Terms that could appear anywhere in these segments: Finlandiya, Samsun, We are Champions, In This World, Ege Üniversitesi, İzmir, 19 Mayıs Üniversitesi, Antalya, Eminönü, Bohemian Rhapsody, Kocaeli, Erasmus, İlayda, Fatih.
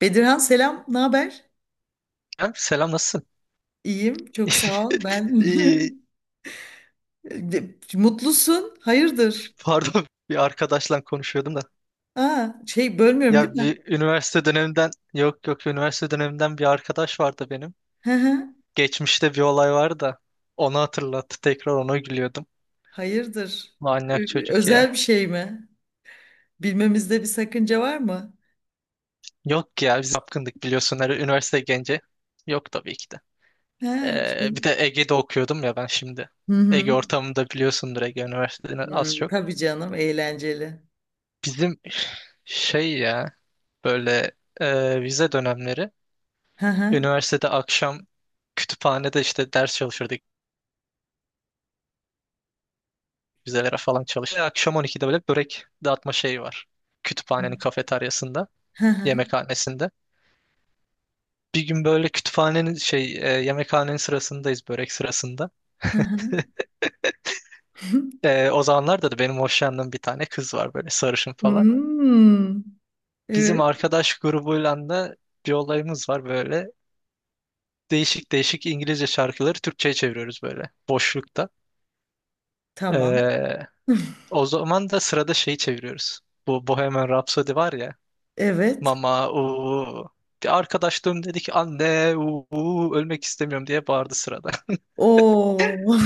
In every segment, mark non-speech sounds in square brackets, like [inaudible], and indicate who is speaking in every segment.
Speaker 1: Bedirhan selam, ne haber?
Speaker 2: Selam, selam nasılsın?
Speaker 1: İyiyim, çok sağ ol. Ben
Speaker 2: [laughs] İyi,
Speaker 1: [laughs] Mutlusun, hayırdır?
Speaker 2: pardon bir arkadaşla konuşuyordum da.
Speaker 1: Aa, şey bölmüyorum değil
Speaker 2: Ya
Speaker 1: mi?
Speaker 2: bir üniversite döneminden yok yok üniversite döneminden bir arkadaş vardı benim.
Speaker 1: Hı hı.
Speaker 2: Geçmişte bir olay vardı da onu hatırlattı tekrar ona gülüyordum.
Speaker 1: Hayırdır?
Speaker 2: Manyak çocuk ya.
Speaker 1: Özel bir şey mi? Bilmemizde bir sakınca var mı?
Speaker 2: Yok ya biz yapkındık biliyorsun her üniversite genci. Yok tabii ki de.
Speaker 1: Ha, şey.
Speaker 2: Bir de Ege'de okuyordum ya ben şimdi.
Speaker 1: Hı hı.
Speaker 2: Ege ortamında biliyorsundur Ege Üniversitesi'ni
Speaker 1: Hı,
Speaker 2: az çok.
Speaker 1: tabii canım, eğlenceli.
Speaker 2: Bizim şey ya böyle vize dönemleri,
Speaker 1: Hı hı.
Speaker 2: üniversitede akşam kütüphanede işte ders çalışırdık. Vizelere falan çalıştık. Akşam 12'de böyle börek dağıtma şeyi var. Kütüphanenin kafeteryasında,
Speaker 1: Hı hı.
Speaker 2: yemekhanesinde. Bir gün böyle kütüphanenin yemekhanenin sırasındayız, börek sırasında.
Speaker 1: Hı
Speaker 2: [laughs]
Speaker 1: hı. [laughs]
Speaker 2: O zamanlarda da benim hoşlandığım bir tane kız var, böyle sarışın falan.
Speaker 1: Hmm.
Speaker 2: Bizim
Speaker 1: Evet,
Speaker 2: arkadaş grubuyla da bir olayımız var böyle. Değişik değişik İngilizce şarkıları Türkçe'ye çeviriyoruz böyle boşlukta.
Speaker 1: tamam.
Speaker 2: E,
Speaker 1: [laughs]
Speaker 2: O zaman da sırada şeyi çeviriyoruz. Bu Bohemian Rhapsody var ya.
Speaker 1: Evet.
Speaker 2: Mama uuu. Bir arkadaş döndü dedi ki anne uuu ölmek istemiyorum diye bağırdı sırada. [laughs]
Speaker 1: Oo.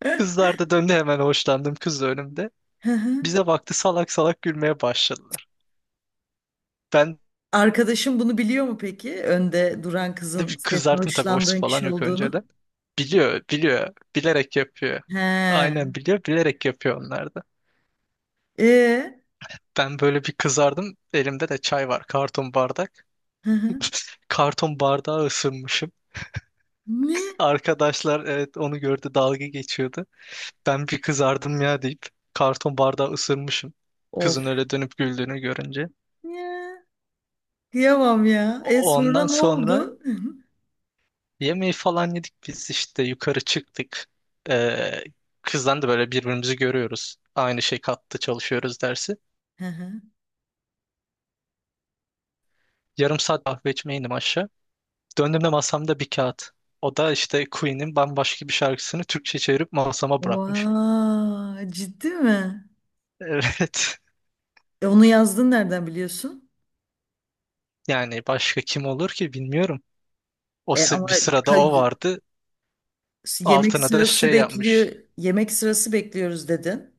Speaker 1: [laughs]
Speaker 2: Kızlar da döndü hemen, hoşlandım kız da önümde.
Speaker 1: Hı hı.
Speaker 2: Bize baktı, salak salak gülmeye başladılar. Ben
Speaker 1: Arkadaşım bunu biliyor mu peki? Önde duran
Speaker 2: de
Speaker 1: kızın
Speaker 2: bir
Speaker 1: senin
Speaker 2: kızardım tabii, hoşsu
Speaker 1: hoşlandığın
Speaker 2: falan
Speaker 1: kişi
Speaker 2: yok
Speaker 1: olduğunu.
Speaker 2: önceden. Biliyor bilerek yapıyor.
Speaker 1: He.
Speaker 2: Aynen biliyor, bilerek yapıyor onlar da.
Speaker 1: E.
Speaker 2: Ben böyle bir kızardım, elimde de çay var, karton bardak.
Speaker 1: Hı hı.
Speaker 2: Karton bardağı ısırmışım.
Speaker 1: Ne?
Speaker 2: Arkadaşlar evet onu gördü, dalga geçiyordu. Ben bir kızardım ya deyip karton bardağı ısırmışım.
Speaker 1: Of.
Speaker 2: Kızın öyle dönüp güldüğünü görünce.
Speaker 1: Ya. Kıyamam ya. E sonra
Speaker 2: Ondan
Speaker 1: ne
Speaker 2: sonra
Speaker 1: oldu? Hı hı.
Speaker 2: yemeği falan yedik biz işte, yukarı çıktık. Ee, Kızdan da böyle birbirimizi görüyoruz. Aynı şey kattı çalışıyoruz dersi. Yarım saat kahve içmeye indim aşağı. Döndüğümde masamda bir kağıt. O da işte Queen'in bambaşka bir şarkısını Türkçe çevirip masama bırakmış. [laughs]
Speaker 1: Vay, ciddi mi?
Speaker 2: Evet.
Speaker 1: E onu yazdın nereden biliyorsun?
Speaker 2: Yani başka kim olur ki, bilmiyorum.
Speaker 1: E ama
Speaker 2: Bir sırada
Speaker 1: ka-
Speaker 2: o vardı.
Speaker 1: yemek
Speaker 2: Altına da
Speaker 1: sırası
Speaker 2: şey
Speaker 1: bekliyor.
Speaker 2: yapmış.
Speaker 1: Yemek sırası bekliyoruz dedin.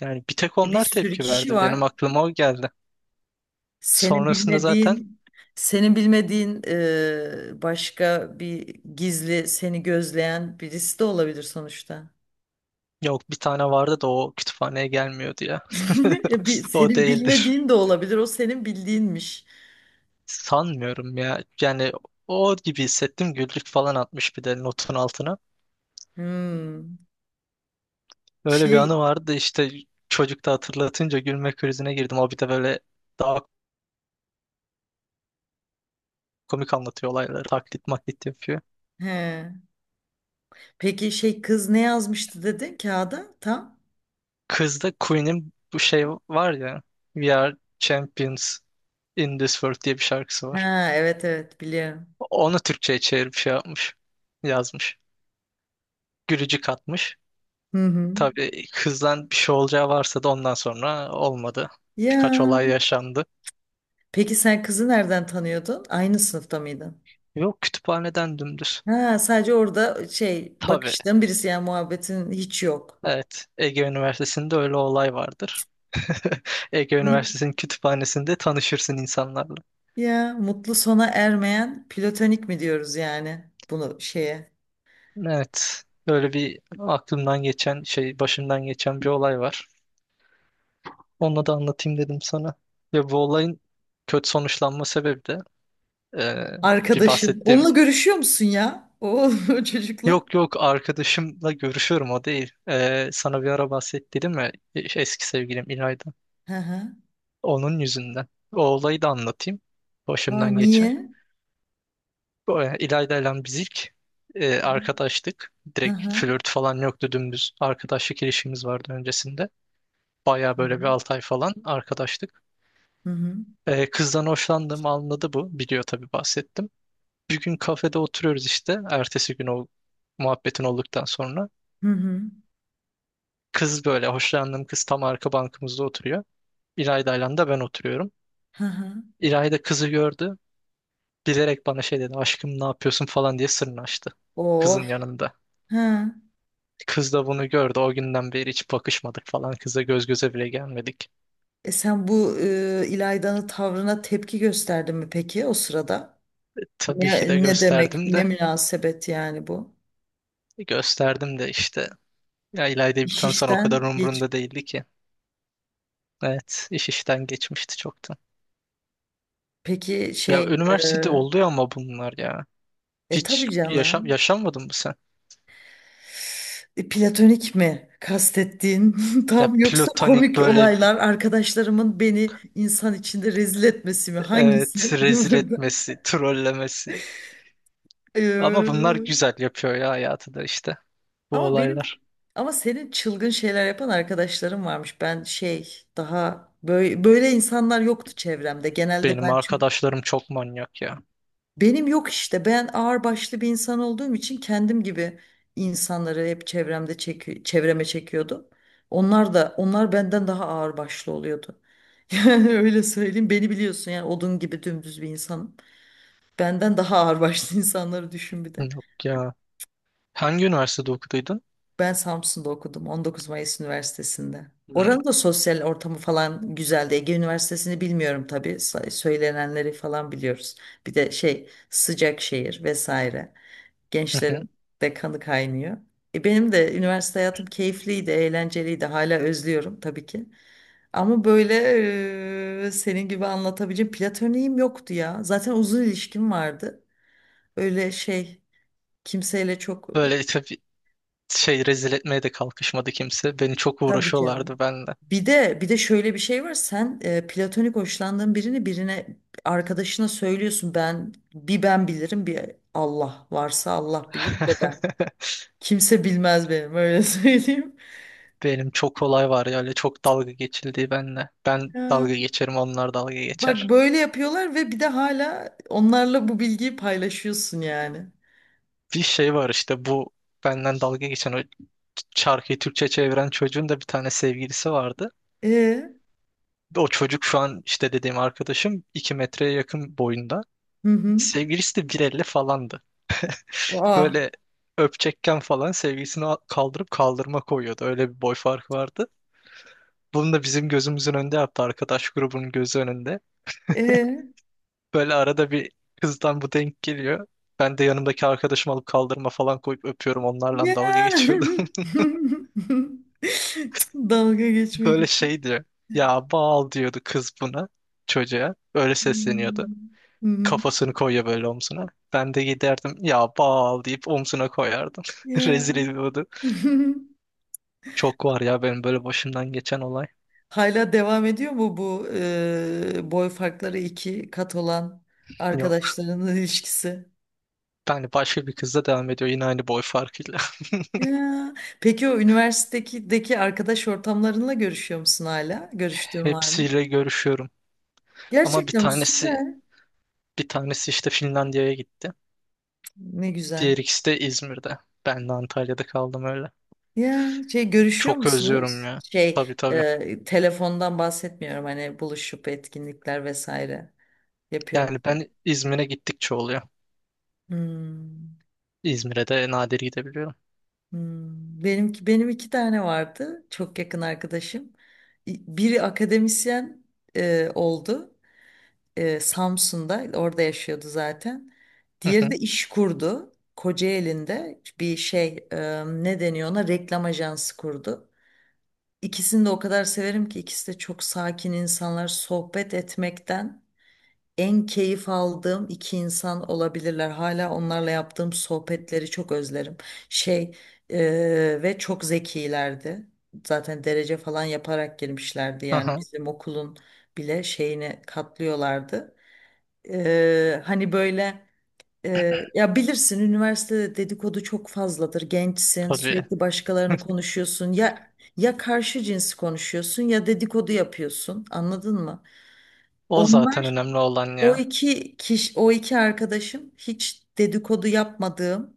Speaker 2: Yani bir tek
Speaker 1: E, bir
Speaker 2: onlar
Speaker 1: sürü
Speaker 2: tepki
Speaker 1: kişi
Speaker 2: verdi. Benim
Speaker 1: var.
Speaker 2: aklıma o geldi.
Speaker 1: Senin
Speaker 2: Sonrasında zaten
Speaker 1: bilmediğin, senin bilmediğin başka bir gizli seni gözleyen birisi de olabilir sonuçta.
Speaker 2: yok, bir tane vardı da o kütüphaneye gelmiyordu ya.
Speaker 1: [laughs] E, bir,
Speaker 2: [laughs] O
Speaker 1: senin
Speaker 2: değildir.
Speaker 1: bilmediğin de olabilir. O senin bildiğinmiş.
Speaker 2: Sanmıyorum ya. Yani o gibi hissettim. Güllük falan atmış bir de notun altına.
Speaker 1: Hmm.
Speaker 2: Öyle bir
Speaker 1: Şey,
Speaker 2: anı vardı işte, çocukta hatırlatınca gülme krizine girdim. O bir de böyle daha komik anlatıyor olayları. Taklit maklit yapıyor.
Speaker 1: he. Peki şey kız ne yazmıştı dedin kağıda? Tam.
Speaker 2: Kızda Queen'in bu şey var ya. We Are Champions. In This World diye bir şarkısı var.
Speaker 1: Ha, evet evet biliyorum.
Speaker 2: Onu Türkçe'ye çevirip şey yapmış. Yazmış. Gülücük atmış.
Speaker 1: Hı hı.
Speaker 2: Tabii kızdan bir şey olacağı varsa da ondan sonra olmadı. Birkaç olay
Speaker 1: Ya.
Speaker 2: yaşandı.
Speaker 1: Peki sen kızı nereden tanıyordun? Aynı sınıfta mıydın?
Speaker 2: Yok, kütüphaneden dümdüz.
Speaker 1: Ha, sadece orada şey
Speaker 2: Tabii.
Speaker 1: bakıştığın birisi yani muhabbetin hiç yok.
Speaker 2: Evet. Ege Üniversitesi'nde öyle olay vardır. [laughs] Ege Üniversitesi'nin kütüphanesinde tanışırsın insanlarla.
Speaker 1: Ya mutlu sona ermeyen platonik mi diyoruz yani bunu şeye?
Speaker 2: Evet. Böyle bir aklımdan geçen şey, başımdan geçen bir olay var. Onu da anlatayım dedim sana. Ve bu olayın kötü sonuçlanma sebebi de Ee, bir
Speaker 1: Arkadaşın.
Speaker 2: bahsettiğim.
Speaker 1: Onunla görüşüyor musun ya? O, [laughs] o çocukla.
Speaker 2: Yok yok, arkadaşımla görüşüyorum, o değil. Sana bir ara bahsettim mi? Eski sevgilim İlayda.
Speaker 1: Hı hı.
Speaker 2: Onun yüzünden. O olayı da anlatayım.
Speaker 1: Aa,
Speaker 2: Başımdan
Speaker 1: niye?
Speaker 2: geçen. İlayda ile biz ilk arkadaştık.
Speaker 1: Hı
Speaker 2: Direkt
Speaker 1: hı.
Speaker 2: flört falan yoktu, dümdüz. Arkadaşlık ilişkimiz vardı öncesinde. Baya böyle bir 6 ay falan arkadaştık.
Speaker 1: Hı hı.
Speaker 2: Kızdan hoşlandığımı anladı bu. Biliyor tabii, bahsettim. Bir gün kafede oturuyoruz işte. Ertesi gün, o muhabbetin olduktan sonra.
Speaker 1: Hı hı.
Speaker 2: Kız, böyle hoşlandığım kız, tam arka bankamızda oturuyor. İlayda'yla da ben oturuyorum.
Speaker 1: Hı hı.
Speaker 2: İlayda kızı gördü. Bilerek bana şey dedi, aşkım ne yapıyorsun falan diye sırrını açtı kızın
Speaker 1: Of.
Speaker 2: yanında.
Speaker 1: Ha.
Speaker 2: Kız da bunu gördü. O günden beri hiç bakışmadık falan. Kızla göz göze bile gelmedik.
Speaker 1: E sen bu İlayda'nın tavrına tepki gösterdin mi peki o sırada?
Speaker 2: Tabii ki
Speaker 1: Ne,
Speaker 2: de
Speaker 1: ne demek,
Speaker 2: gösterdim
Speaker 1: ne
Speaker 2: de.
Speaker 1: münasebet yani bu?
Speaker 2: Gösterdim de işte. Ya İlayda'yı bir
Speaker 1: İş
Speaker 2: tanısan, o kadar
Speaker 1: işten geç.
Speaker 2: umurumda değildi ki. Evet, iş işten geçmişti çoktan.
Speaker 1: Peki
Speaker 2: Ya
Speaker 1: şey,
Speaker 2: üniversitede
Speaker 1: e,
Speaker 2: oluyor ama bunlar ya.
Speaker 1: e
Speaker 2: Hiç
Speaker 1: tabii
Speaker 2: yaşam
Speaker 1: canım.
Speaker 2: yaşanmadın mı sen?
Speaker 1: E, platonik mi kastettiğin [laughs]
Speaker 2: Ya
Speaker 1: tam yoksa
Speaker 2: platonik
Speaker 1: komik
Speaker 2: böyle.
Speaker 1: olaylar arkadaşlarımın beni insan içinde rezil etmesi mi
Speaker 2: Evet,
Speaker 1: hangisi [laughs]
Speaker 2: rezil
Speaker 1: burada?
Speaker 2: etmesi, trollemesi. Ama bunlar
Speaker 1: Ee,
Speaker 2: güzel yapıyor ya hayatı da işte. Bu
Speaker 1: ama benim
Speaker 2: olaylar.
Speaker 1: ama senin çılgın şeyler yapan arkadaşlarım varmış. Ben şey daha böyle böyle insanlar yoktu çevremde. Genelde
Speaker 2: Benim
Speaker 1: ben çok
Speaker 2: arkadaşlarım çok manyak ya.
Speaker 1: Benim yok işte. Ben ağırbaşlı bir insan olduğum için kendim gibi insanları hep çevremde çevreme çekiyordum. Onlar benden daha ağırbaşlı oluyordu. [laughs] Yani öyle söyleyeyim. Beni biliyorsun yani odun gibi dümdüz bir insanım. Benden daha ağırbaşlı [laughs] insanları düşün bir de.
Speaker 2: Yok ya. Hangi üniversitede okuduydun?
Speaker 1: Ben Samsun'da okudum 19 Mayıs Üniversitesi'nde.
Speaker 2: Hmm.
Speaker 1: Oranın da sosyal ortamı falan güzeldi. Ege Üniversitesi'ni bilmiyorum tabii. Söylenenleri falan biliyoruz. Bir de şey sıcak şehir vesaire.
Speaker 2: Hı hı.
Speaker 1: Gençlerin de kanı kaynıyor. E benim de üniversite hayatım keyifliydi, eğlenceliydi. Hala özlüyorum tabii ki. Ama böyle senin gibi anlatabileceğim platoniğim yoktu ya. Zaten uzun ilişkim vardı. Öyle şey kimseyle çok
Speaker 2: Böyle tabii şey rezil etmeye de kalkışmadı kimse. Beni çok
Speaker 1: tabii
Speaker 2: uğraşıyorlardı
Speaker 1: canım.
Speaker 2: benle.
Speaker 1: Bir de şöyle bir şey var. Sen platonik hoşlandığın birine arkadaşına söylüyorsun. Bir ben bilirim bir Allah varsa Allah bilir de ben.
Speaker 2: [laughs]
Speaker 1: Kimse bilmez benim öyle [laughs] söyleyeyim.
Speaker 2: Benim çok olay var ya, öyle çok dalga geçildiği benle. Ben dalga geçerim, onlar dalga
Speaker 1: Bak
Speaker 2: geçer.
Speaker 1: böyle yapıyorlar ve bir de hala onlarla bu bilgiyi paylaşıyorsun yani.
Speaker 2: Bir şey var işte, bu benden dalga geçen, o şarkıyı Türkçe çeviren çocuğun da bir tane sevgilisi vardı.
Speaker 1: E,
Speaker 2: O çocuk şu an, işte dediğim arkadaşım, 2 metreye yakın boyunda.
Speaker 1: hı hı.
Speaker 2: Sevgilisi de 1,50 falandı.
Speaker 1: Aa,
Speaker 2: Böyle öpecekken falan sevgilisini kaldırıp kaldırma koyuyordu. Öyle bir boy farkı vardı. Bunu da bizim gözümüzün önünde yaptı. Arkadaş grubunun gözü önünde.
Speaker 1: e,
Speaker 2: Böyle arada bir kızdan bu denk geliyor. Ben de yanımdaki arkadaşımı alıp kaldırma falan koyup öpüyorum. Onlarla dalga
Speaker 1: ya.
Speaker 2: geçiyordum.
Speaker 1: [laughs] Dalga
Speaker 2: [laughs]
Speaker 1: geçmek
Speaker 2: Böyle
Speaker 1: için.
Speaker 2: şey diyor. Ya bal diyordu kız buna, çocuğa. Öyle
Speaker 1: Hmm,
Speaker 2: sesleniyordu.
Speaker 1: hı hı.
Speaker 2: Kafasını koyuyor böyle omzuna. Ben de giderdim, ya bal deyip omzuna koyardım. [laughs]
Speaker 1: Ya.
Speaker 2: Rezil ediyordu.
Speaker 1: [laughs]
Speaker 2: Çok var ya benim böyle başımdan geçen olay.
Speaker 1: Hala devam ediyor mu bu boy farkları iki kat olan
Speaker 2: Yok.
Speaker 1: arkadaşlarının ilişkisi?
Speaker 2: Yani başka bir kızla devam ediyor, yine aynı boy farkıyla.
Speaker 1: Ya. Peki o üniversitedeki arkadaş ortamlarınla görüşüyor musun hala?
Speaker 2: [laughs]
Speaker 1: Görüştüğün var mı?
Speaker 2: Hepsiyle görüşüyorum. Ama bir
Speaker 1: Gerçekten
Speaker 2: tanesi
Speaker 1: süper.
Speaker 2: bir tanesi işte Finlandiya'ya gitti.
Speaker 1: Ne güzel.
Speaker 2: Diğer ikisi de İzmir'de. Ben de Antalya'da kaldım öyle.
Speaker 1: Ya şey görüşüyor
Speaker 2: Çok özlüyorum
Speaker 1: musunuz?
Speaker 2: ya.
Speaker 1: Şey
Speaker 2: Tabii, tabii.
Speaker 1: telefondan bahsetmiyorum hani buluşup etkinlikler vesaire yapıyor
Speaker 2: Yani
Speaker 1: musunuz?
Speaker 2: ben İzmir'e gittikçe oluyor.
Speaker 1: Hmm,
Speaker 2: İzmir'e de nadir gidebiliyorum.
Speaker 1: hmm. Benim iki tane vardı çok yakın arkadaşım. Biri akademisyen oldu Samsun'da orada yaşıyordu zaten.
Speaker 2: Hı
Speaker 1: Diğeri de
Speaker 2: hı.
Speaker 1: iş kurdu. Kocaeli'nde bir şey ne deniyor ona reklam ajansı kurdu. İkisini de o kadar severim ki ikisi de çok sakin insanlar. Sohbet etmekten en keyif aldığım iki insan olabilirler. Hala onlarla yaptığım sohbetleri çok özlerim. Şey ve çok zekilerdi. Zaten derece falan yaparak girmişlerdi. Yani
Speaker 2: Aha,
Speaker 1: bizim okulun bile şeyine katlıyorlardı. Hani böyle. Ya bilirsin üniversitede dedikodu çok fazladır. Gençsin,
Speaker 2: tabii.
Speaker 1: sürekli başkalarını konuşuyorsun. Ya ya karşı cinsi konuşuyorsun ya dedikodu yapıyorsun. Anladın mı?
Speaker 2: O zaten
Speaker 1: Onlar
Speaker 2: önemli olan
Speaker 1: o
Speaker 2: ya.
Speaker 1: iki kişi, o iki arkadaşım hiç dedikodu yapmadığım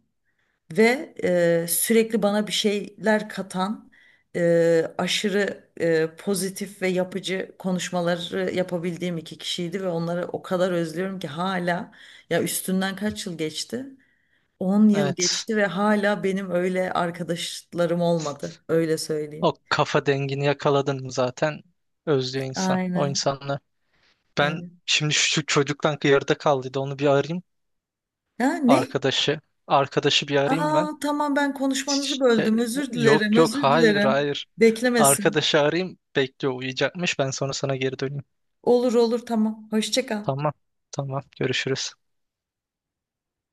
Speaker 1: ve sürekli bana bir şeyler katan aşırı pozitif ve yapıcı konuşmaları yapabildiğim iki kişiydi ve onları o kadar özlüyorum ki hala ya üstünden kaç yıl geçti? 10 yıl
Speaker 2: Evet.
Speaker 1: geçti ve hala benim öyle arkadaşlarım olmadı. Öyle
Speaker 2: O
Speaker 1: söyleyeyim.
Speaker 2: kafa dengini yakaladın mı, zaten özlüyor insan. O
Speaker 1: Aynen.
Speaker 2: insanlar. Ben
Speaker 1: Evet.
Speaker 2: şimdi şu çocuktan yarıda kaldıydı. Onu bir arayayım.
Speaker 1: Ha, ne?
Speaker 2: Arkadaşı. Arkadaşı bir arayayım ben.
Speaker 1: Aa, tamam ben konuşmanızı
Speaker 2: Şey,
Speaker 1: böldüm. Özür dilerim,
Speaker 2: yok yok,
Speaker 1: özür
Speaker 2: hayır
Speaker 1: dilerim.
Speaker 2: hayır.
Speaker 1: Beklemesin.
Speaker 2: Arkadaşı arayayım. Bekliyor, uyuyacakmış. Ben sonra sana geri döneyim.
Speaker 1: Olur olur tamam. Hoşça kal.
Speaker 2: Tamam. Tamam. Görüşürüz.